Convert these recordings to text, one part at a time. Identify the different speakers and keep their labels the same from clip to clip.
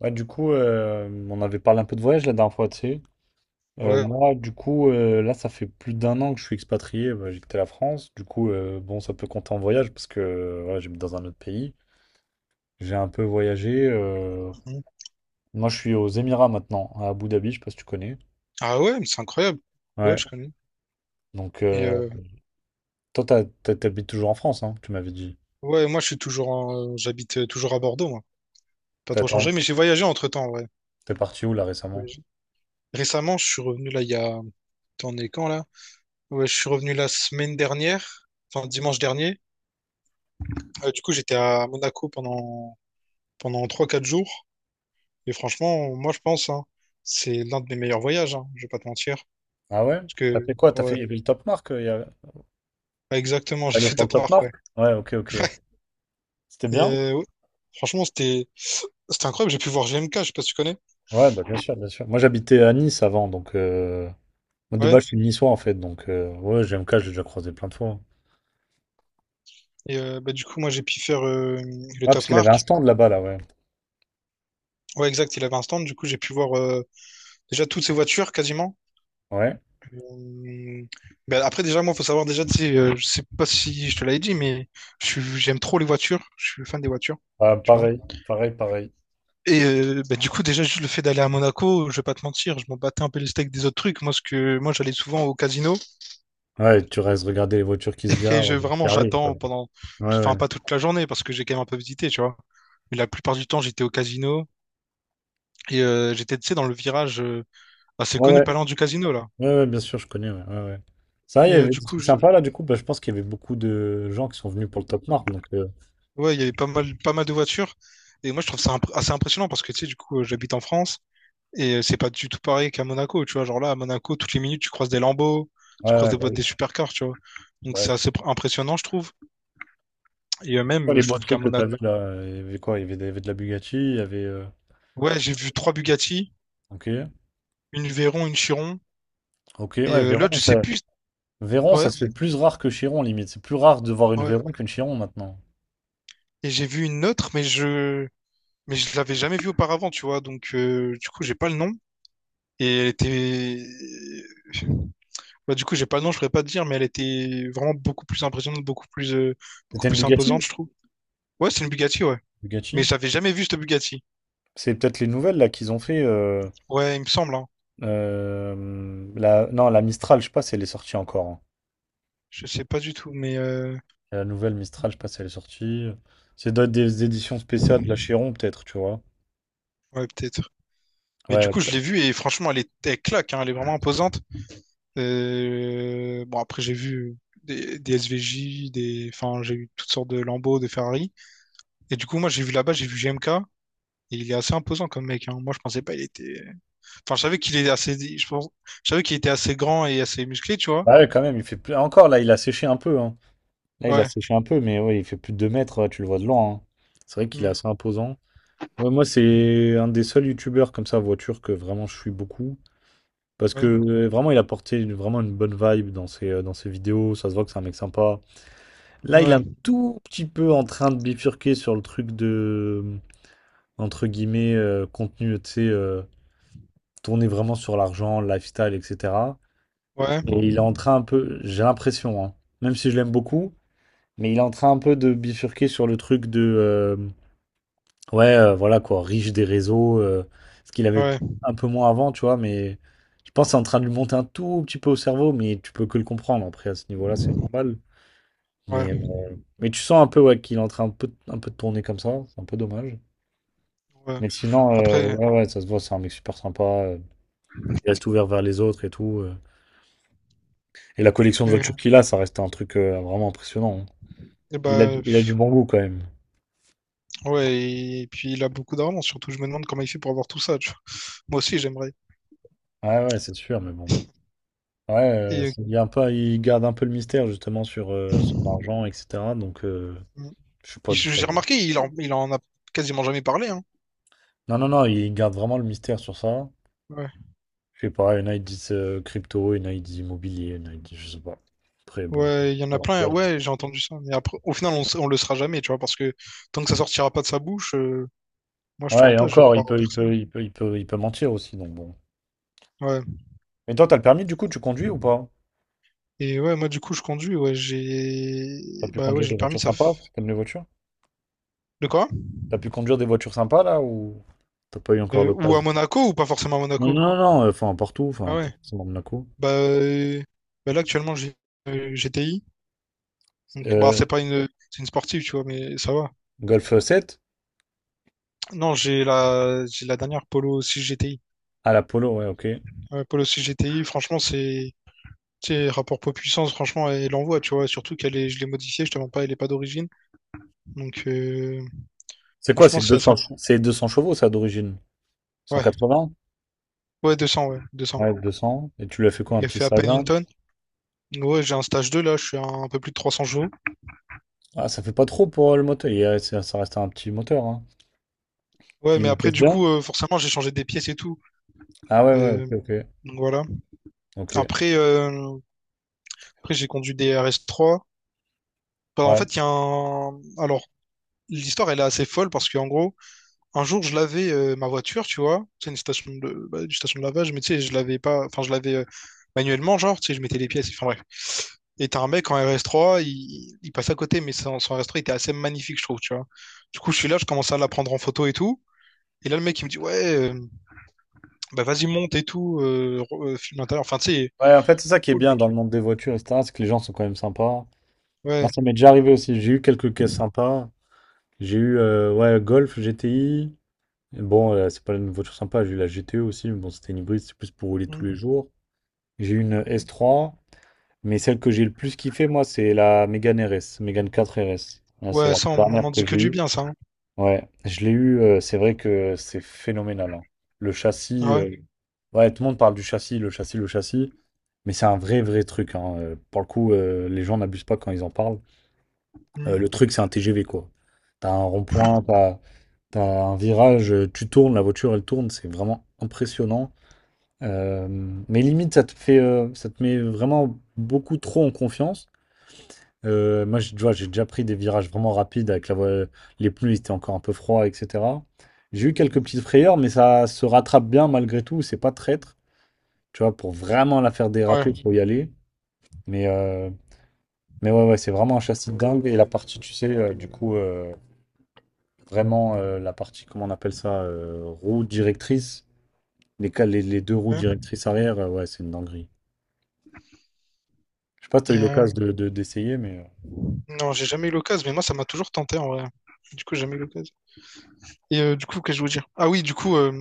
Speaker 1: Ouais, du coup, on avait parlé un peu de voyage la dernière fois, tu sais.
Speaker 2: Ouais,
Speaker 1: Moi, du coup, là, ça fait plus d'un an que je suis expatrié. Bah, j'ai quitté la France. Du coup, bon, ça peut compter en voyage parce que voilà, j'habite dans un autre pays. J'ai un peu voyagé.
Speaker 2: mhm.
Speaker 1: Moi, je suis aux Émirats maintenant, à Abu Dhabi, je sais pas si tu connais.
Speaker 2: Ah ouais, mais c'est incroyable. Ouais,
Speaker 1: Ouais.
Speaker 2: je connais.
Speaker 1: Donc,
Speaker 2: Et
Speaker 1: toi, t'habites toujours en France, hein, tu m'avais dit.
Speaker 2: ouais, moi je suis toujours j'habite toujours à Bordeaux, moi. Pas trop
Speaker 1: T'as-
Speaker 2: changé, mais j'ai voyagé entre-temps, ouais.
Speaker 1: T'es parti où là récemment?
Speaker 2: Voyagé. Récemment, je suis revenu là, il y a. T'en es quand, là? Ouais, je suis revenu la semaine dernière, enfin dimanche dernier. Du coup, j'étais à Monaco pendant trois quatre jours. Et franchement, moi, je pense, hein, c'est l'un de mes meilleurs voyages, hein, je vais pas te mentir.
Speaker 1: Ah ouais?
Speaker 2: Parce
Speaker 1: T'as fait
Speaker 2: que,
Speaker 1: quoi?
Speaker 2: ouais,
Speaker 1: Il y avait le Top Mark.
Speaker 2: exactement, j'ai
Speaker 1: Allez,
Speaker 2: fait
Speaker 1: sur le
Speaker 2: top
Speaker 1: Top
Speaker 2: marque,
Speaker 1: Mark?
Speaker 2: ouais.
Speaker 1: Ouais, ok, ok. C'était
Speaker 2: Et
Speaker 1: bien?
Speaker 2: ouais, franchement, c'était incroyable. J'ai pu voir G M K. Je sais pas si tu connais.
Speaker 1: Ouais, bah bien sûr, bien sûr. Moi, j'habitais à Nice avant, donc moi, de
Speaker 2: Ouais.
Speaker 1: base, je suis niçois en fait, donc ouais, GMK, j'ai déjà croisé plein de fois.
Speaker 2: Et bah, du coup, moi, j'ai pu faire le
Speaker 1: Ouais, parce
Speaker 2: top
Speaker 1: qu'il avait un
Speaker 2: marque.
Speaker 1: stand là-bas, là, ouais.
Speaker 2: Ouais, exact, il avait un stand. Du coup, j'ai pu voir déjà, toutes ces voitures, quasiment.
Speaker 1: Ouais,
Speaker 2: Hum, ben après, déjà, moi, faut savoir, déjà, tu sais, je sais pas si je te l'avais dit, mais j'aime trop les voitures. Je suis fan des voitures,
Speaker 1: bah,
Speaker 2: tu vois.
Speaker 1: pareil, pareil, pareil.
Speaker 2: Et ben, du coup, déjà, juste le fait d'aller à Monaco, je vais pas te mentir, je m'en battais un peu les steaks des autres trucs. Moi, ce que, moi, j'allais souvent au casino
Speaker 1: Ouais, tu restes regarder les voitures qui se
Speaker 2: et
Speaker 1: garent,
Speaker 2: je,
Speaker 1: qui
Speaker 2: vraiment,
Speaker 1: arrivent, quoi.
Speaker 2: j'attends pendant,
Speaker 1: Ouais,
Speaker 2: enfin,
Speaker 1: ouais.
Speaker 2: pas toute la journée parce que j'ai quand même un peu visité, tu vois. Mais la plupart du temps, j'étais au casino et j'étais, tu sais, dans le virage assez
Speaker 1: Ouais,
Speaker 2: connu,
Speaker 1: ouais,
Speaker 2: parlant du casino, là.
Speaker 1: ouais, ouais, bien sûr, je connais, ouais, ouais, ouais. Ça, il y
Speaker 2: Et
Speaker 1: avait
Speaker 2: du
Speaker 1: des
Speaker 2: coup,
Speaker 1: trucs sympas là, du coup, bah, je pense qu'il y avait beaucoup de gens qui sont venus pour le Top Mark, donc
Speaker 2: ouais, il y avait pas mal, pas mal de voitures. Et moi, je trouve ça assez impressionnant parce que, tu sais, du coup, j'habite en France et c'est pas du tout pareil qu'à Monaco, tu vois. Genre là, à Monaco, toutes les minutes, tu croises des Lambo, tu
Speaker 1: ouais,
Speaker 2: croises
Speaker 1: ouais,
Speaker 2: des
Speaker 1: bah
Speaker 2: boîtes
Speaker 1: oui.
Speaker 2: des supercars, tu vois. Donc,
Speaker 1: Bah,
Speaker 2: c'est
Speaker 1: c'est
Speaker 2: assez impressionnant, je trouve. Et
Speaker 1: quoi
Speaker 2: même,
Speaker 1: les
Speaker 2: je
Speaker 1: beaux
Speaker 2: trouve qu'à
Speaker 1: trucs que
Speaker 2: Monaco,
Speaker 1: t'avais là? Il y avait quoi? Il y avait, il y avait de la Bugatti. Il y avait.
Speaker 2: ouais, j'ai vu trois Bugatti,
Speaker 1: Ok,
Speaker 2: une Veyron, une Chiron
Speaker 1: ok,
Speaker 2: et
Speaker 1: ouais, Véron,
Speaker 2: l'autre, je sais
Speaker 1: ça.
Speaker 2: plus.
Speaker 1: Véron,
Speaker 2: Ouais,
Speaker 1: ça se fait plus rare que Chiron, limite. C'est plus rare de voir une
Speaker 2: ouais.
Speaker 1: Véron qu'une Chiron maintenant.
Speaker 2: Et j'ai vu une autre, mais je l'avais jamais vue auparavant, tu vois. Donc, du coup, j'ai pas le nom. Et elle était, euh, bah, du coup, j'ai pas le nom, je pourrais pas te dire, mais elle était vraiment beaucoup plus impressionnante, beaucoup
Speaker 1: C'était une
Speaker 2: plus
Speaker 1: Bugatti?
Speaker 2: imposante, je trouve. Ouais, c'est une Bugatti, ouais. Mais
Speaker 1: Bugatti?
Speaker 2: j'avais jamais vu cette Bugatti.
Speaker 1: C'est peut-être les nouvelles là qu'ils ont fait.
Speaker 2: Ouais, il me semble, hein.
Speaker 1: Non, la Mistral, je sais pas si elle est sortie encore, hein.
Speaker 2: Je sais pas du tout, mais
Speaker 1: La nouvelle Mistral, je sais pas si elle est sortie. C'est doit être des éditions spéciales de la Chiron, peut-être, tu vois.
Speaker 2: ouais, peut-être. Mais du
Speaker 1: Ouais,
Speaker 2: coup, je l'ai vue et franchement, elle claque, hein, elle est vraiment imposante. Bon, après, j'ai vu des SVJ, des, enfin, j'ai vu toutes sortes de Lambo, de Ferrari. Et du coup, moi, j'ai vu là-bas, j'ai vu GMK. Et il est assez imposant comme mec, hein. Moi, je pensais pas, il était. Enfin, je savais qu'il est assez, je pense, je savais qu'il était assez grand et assez musclé, tu vois.
Speaker 1: bah ouais, quand même, il fait plus. Encore là, il a séché un peu, hein. Là, il a
Speaker 2: Ouais,
Speaker 1: séché un peu, mais ouais, il fait plus de 2 mètres, ouais, tu le vois de loin, hein. C'est vrai qu'il est
Speaker 2: mm,
Speaker 1: assez imposant. Ouais, moi, c'est un des seuls youtubeurs comme ça, voiture, que vraiment je suis beaucoup. Parce que
Speaker 2: ouais,
Speaker 1: vraiment, il a porté vraiment une bonne vibe dans ses vidéos. Ça se voit que c'est un mec sympa. Là, il est un
Speaker 2: ouais,
Speaker 1: tout petit peu en train de bifurquer sur le truc de, entre guillemets, contenu, tu sais, tourné vraiment sur l'argent, le lifestyle, etc.
Speaker 2: ouais,
Speaker 1: Et il est en train un peu, j'ai l'impression, hein, même si je l'aime beaucoup, mais il est en train un peu de bifurquer sur le truc de. Ouais, voilà quoi, riche des réseaux, ce qu'il avait
Speaker 2: ouais,
Speaker 1: un peu moins avant, tu vois, mais je pense que c'est en train de lui monter un tout petit peu au cerveau, mais tu peux que le comprendre. Après, à ce niveau-là, c'est normal.
Speaker 2: ouais,
Speaker 1: Mais tu sens un peu ouais, qu'il est en train un peu de tourner comme ça, c'est un peu dommage.
Speaker 2: ouais.
Speaker 1: Mais sinon,
Speaker 2: Après,
Speaker 1: ouais, ouais, ça se voit, c'est un mec super sympa, il reste ouvert vers les autres et tout. Et la collection de
Speaker 2: euh,
Speaker 1: voitures qu'il a, ça reste un truc vraiment impressionnant, hein.
Speaker 2: eh
Speaker 1: Il a,
Speaker 2: ben,
Speaker 1: il a du bon goût quand même.
Speaker 2: ouais, et puis il a beaucoup d'argent, surtout je me demande comment il fait pour avoir tout ça, tu vois. Moi aussi j'aimerais.
Speaker 1: Ouais, ouais, c'est sûr, mais bon. Ouais,
Speaker 2: Et,
Speaker 1: il y a un peu, il garde un peu le mystère justement sur son
Speaker 2: euh,
Speaker 1: argent, etc. Donc,
Speaker 2: mm,
Speaker 1: je sais pas d'où ça
Speaker 2: j'ai
Speaker 1: vient.
Speaker 2: remarqué, il en a quasiment jamais parlé, hein.
Speaker 1: Non, non, non, il garde vraiment le mystère sur ça.
Speaker 2: Ouais,
Speaker 1: Je sais pas, il y en a, ils disent crypto, il y en a, ils disent immobilier, il y en a, ils disent, je sais pas. Après, bon.
Speaker 2: ouais, il y en a plein, ouais, j'ai entendu ça, mais après, au final, on le sera jamais, tu vois, parce que tant que ça sortira pas de sa bouche, moi je te
Speaker 1: Ouais,
Speaker 2: rends
Speaker 1: et
Speaker 2: pas, je
Speaker 1: encore,
Speaker 2: crois en personne.
Speaker 1: il peut mentir aussi, donc bon.
Speaker 2: Ouais,
Speaker 1: Mais toi, t'as le permis du coup, tu conduis ou pas?
Speaker 2: et ouais, moi du coup, je conduis, ouais,
Speaker 1: T'as
Speaker 2: j'ai,
Speaker 1: pu
Speaker 2: bah ouais,
Speaker 1: conduire
Speaker 2: j'ai
Speaker 1: des
Speaker 2: le permis,
Speaker 1: voitures
Speaker 2: ça.
Speaker 1: sympas? T'aimes les voitures?
Speaker 2: De quoi?
Speaker 1: T'as pu conduire des voitures sympas là ou t'as pas eu encore
Speaker 2: Ou à
Speaker 1: l'occasion?
Speaker 2: Monaco ou pas forcément à
Speaker 1: Non,
Speaker 2: Monaco?
Speaker 1: non, non, non, enfin, partout, enfin,
Speaker 2: Ah ouais.
Speaker 1: pas forcément Monaco.
Speaker 2: Bah, là actuellement j'ai GTI. Donc bah
Speaker 1: Euh,
Speaker 2: c'est pas une c'est une sportive tu vois mais ça va.
Speaker 1: Golf 7.
Speaker 2: Non, j'ai la dernière Polo 6 GTI.
Speaker 1: Ah, la Polo, ouais, ok.
Speaker 2: Ouais, Polo 6 GTI, franchement c'est tu sais, rapport poids-puissance, franchement, elle envoie, tu vois. Surtout qu'elle est, je l'ai modifiée, je te mens pas, elle est pas d'origine. Donc,
Speaker 1: C'est quoi,
Speaker 2: franchement, c'est
Speaker 1: c'est
Speaker 2: assez
Speaker 1: 200, che-
Speaker 2: incroyable.
Speaker 1: c'est 200 chevaux, ça, d'origine?
Speaker 2: Ouais,
Speaker 1: 180?
Speaker 2: ouais, 200 ouais, deux cents.
Speaker 1: Ouais, 200. Et tu lui as fait quoi, un
Speaker 2: Il a
Speaker 1: petit
Speaker 2: fait à peine une
Speaker 1: stage-là?
Speaker 2: tonne. Ouais, j'ai un stage 2 là, je suis à un peu plus de 300 jours.
Speaker 1: Ah, ça fait pas trop pour le moteur. Il y ça ça reste un petit moteur, hein.
Speaker 2: Ouais,
Speaker 1: Il
Speaker 2: mais après,
Speaker 1: encaisse
Speaker 2: du
Speaker 1: bien?
Speaker 2: coup, forcément, j'ai changé des pièces et tout.
Speaker 1: Ah ouais, ouais, ok,
Speaker 2: Euh,
Speaker 1: ok.
Speaker 2: donc voilà.
Speaker 1: Ok,
Speaker 2: Après, euh, après, j'ai conduit des RS3. Bah, en
Speaker 1: ouais.
Speaker 2: fait, il y a un. Alors, l'histoire, elle est assez folle parce qu'en gros, un jour, je lavais ma voiture, tu vois. C'est une station de. Bah, une station de lavage, mais tu sais, je l'avais pas. Enfin, je l'avais manuellement, genre, tu sais, je mettais les pièces. Enfin, bref. Et t'as un mec en RS3, il passe à côté, mais son RS3 était assez magnifique, je trouve, tu vois. Du coup, je suis là, je commence à la prendre en photo et tout. Et là, le mec, il me dit, ouais, bah vas-y, monte et tout, filme l'intérieur. Enfin, tu sais,
Speaker 1: Ouais, en fait, c'est ça qui est
Speaker 2: cool,
Speaker 1: bien
Speaker 2: mec.
Speaker 1: dans le monde des voitures, et cetera, c'est que les gens sont quand même sympas. Non,
Speaker 2: Ouais.
Speaker 1: ça m'est déjà arrivé aussi. J'ai eu quelques caisses sympas. J'ai eu, ouais, Golf, GTI. Bon, c'est pas une voiture sympa. J'ai eu la GTE aussi, mais bon, c'était une hybride, c'est plus pour rouler tous les
Speaker 2: Mm.
Speaker 1: jours. J'ai eu une S3. Mais celle que j'ai le plus kiffé, moi, c'est la Mégane RS, Mégane 4 RS. Là, c'est
Speaker 2: Ouais,
Speaker 1: la
Speaker 2: ça, on
Speaker 1: dernière
Speaker 2: m'en
Speaker 1: que
Speaker 2: dit que
Speaker 1: j'ai
Speaker 2: du
Speaker 1: eue.
Speaker 2: bien, ça, hein.
Speaker 1: Ouais, je l'ai eue. C'est vrai que c'est phénoménal, hein. Le châssis,
Speaker 2: Ah ouais.
Speaker 1: ouais, tout le monde parle du châssis, le châssis, le châssis. Mais c'est un vrai, vrai truc, hein. Pour le coup, les gens n'abusent pas quand ils en parlent. Le truc, c'est un TGV, quoi. T'as un rond-point, t'as un virage, tu tournes, la voiture, elle tourne. C'est vraiment impressionnant. Euh, mais limite, ça te met vraiment beaucoup trop en confiance. Moi, tu vois, j'ai déjà pris des virages vraiment rapides avec les pneus, ils étaient encore un peu froids, etc. J'ai eu quelques
Speaker 2: Mhm.
Speaker 1: petites frayeurs, mais ça se rattrape bien malgré tout. C'est pas traître, tu vois, pour vraiment la faire
Speaker 2: Ouais,
Speaker 1: déraper, faut y aller. Mais, euh, mais ouais, ouais, c'est vraiment un châssis de dingue. Et la partie, tu sais, du coup, vraiment la partie, comment on appelle ça, roue directrice, les deux roues
Speaker 2: ouais.
Speaker 1: directrices arrière, ouais, c'est une dinguerie. Je sais pas si tu as eu
Speaker 2: Et,
Speaker 1: l'occasion d'essayer, mais
Speaker 2: non, j'ai jamais eu l'occasion, mais moi, ça m'a toujours tenté en vrai. Du coup, j'ai jamais eu l'occasion. Et du coup, qu'est-ce que je voulais dire? Ah oui, du coup,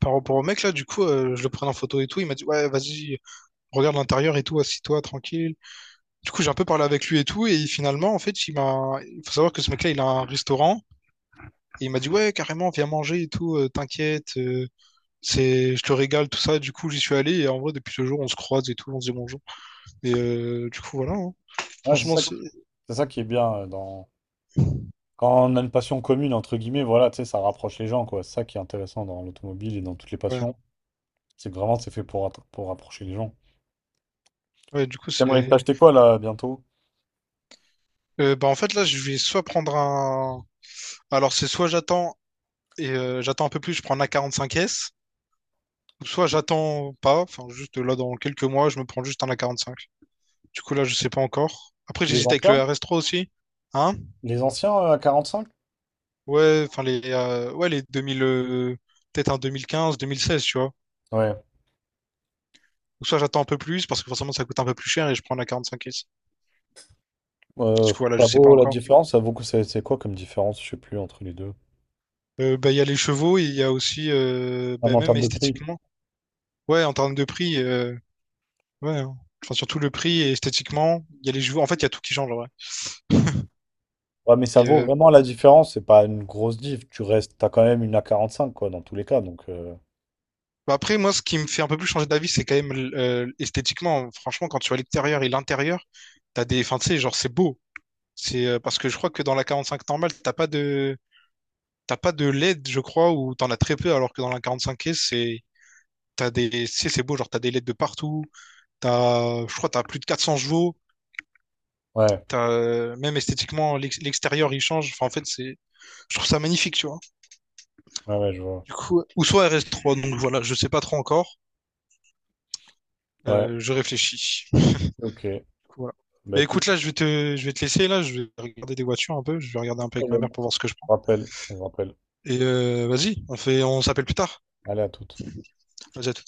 Speaker 2: par rapport au mec, là, du coup, je le prenais en photo et tout. Il m'a dit, ouais, vas-y, regarde l'intérieur et tout, assis-toi, tranquille. Du coup, j'ai un peu parlé avec lui et tout. Et finalement, en fait, il m'a. Il faut savoir que ce mec-là, il a un restaurant. Et il m'a dit, ouais, carrément, viens manger et tout, t'inquiète. Je te régale, tout ça. Du coup, j'y suis allé. Et en vrai, depuis ce jour, on se croise et tout, on se dit bonjour. Et du coup, voilà, hein.
Speaker 1: ouais,
Speaker 2: Franchement, c'est.
Speaker 1: c'est ça qui est bien dans. Quand on a une passion commune, entre guillemets, voilà, tu sais, ça rapproche les gens, quoi. C'est ça qui est intéressant dans l'automobile et dans toutes les
Speaker 2: Ouais.
Speaker 1: passions. C'est que vraiment, c'est fait pour, pour rapprocher les gens.
Speaker 2: Ouais, du coup,
Speaker 1: T'aimerais
Speaker 2: c'est.
Speaker 1: t'acheter quoi, là, bientôt?
Speaker 2: Bah, en fait, là, je vais soit prendre un. Alors, c'est soit j'attends et j'attends un peu plus, je prends un A45S, ou soit j'attends pas, enfin, juste là, dans quelques mois, je me prends juste un A45. Du coup, là, je sais pas encore. Après,
Speaker 1: Les
Speaker 2: j'hésite avec le
Speaker 1: anciens?
Speaker 2: RS3 aussi. Hein?
Speaker 1: Les anciens à cinq.
Speaker 2: Ouais, enfin, les 2000, peut-être un 2015, 2016, tu vois.
Speaker 1: Ouais.
Speaker 2: Ou soit j'attends un peu plus, parce que forcément, ça coûte un peu plus cher et je prends un A45S. Du
Speaker 1: Euh,
Speaker 2: coup, voilà,
Speaker 1: Ça
Speaker 2: je sais pas
Speaker 1: vaut la
Speaker 2: encore.
Speaker 1: différence? Ça vaut que c'est quoi comme différence? Je sais plus, entre les deux.
Speaker 2: Bah, il y a les chevaux et il y a aussi,
Speaker 1: Même
Speaker 2: bah,
Speaker 1: en
Speaker 2: même
Speaker 1: termes de prix.
Speaker 2: esthétiquement. Ouais, en termes de prix. Ouais, hein. Enfin, surtout le prix et esthétiquement, il y a les joueurs. En fait, il y a tout qui change, en vrai.
Speaker 1: Ouais, mais ça
Speaker 2: Et
Speaker 1: vaut vraiment la différence. C'est pas une grosse diff. Tu restes, t'as quand même une a cinq, quoi, dans tous les cas. Donc,
Speaker 2: bah après, moi, ce qui me fait un peu plus changer d'avis, c'est quand même esthétiquement. Franchement, quand tu vois l'extérieur et l'intérieur, t'as des. Enfin, tu sais, genre, c'est beau. C'est parce que je crois que dans la 45 normale, t'as pas de. T'as pas de LED, je crois, ou t'en as très peu, alors que dans la 45S, c'est. T'as des. Tu sais, c'est beau, genre, t'as des LED de partout. T'as. Je crois, t'as plus de 400 chevaux.
Speaker 1: ouais,
Speaker 2: T'as. Même esthétiquement, l'extérieur, il change. Enfin, en fait, c'est. Je trouve ça magnifique, tu vois.
Speaker 1: ouais, ouais, je vois.
Speaker 2: Du coup, ou soit RS3, donc voilà, je sais pas trop encore.
Speaker 1: Ouais,
Speaker 2: Je réfléchis. Du
Speaker 1: ok.
Speaker 2: coup, voilà.
Speaker 1: Bah,
Speaker 2: Bah
Speaker 1: écoute,
Speaker 2: écoute, là, je vais te laisser, là, je vais regarder des voitures un peu, je vais regarder
Speaker 1: pas de
Speaker 2: un peu avec ma
Speaker 1: problème.
Speaker 2: mère pour
Speaker 1: Je
Speaker 2: voir ce que je prends.
Speaker 1: rappelle, je rappelle.
Speaker 2: Et vas-y, on fait, on s'appelle plus tard.
Speaker 1: Allez, à toute.
Speaker 2: Vas-y, à tout.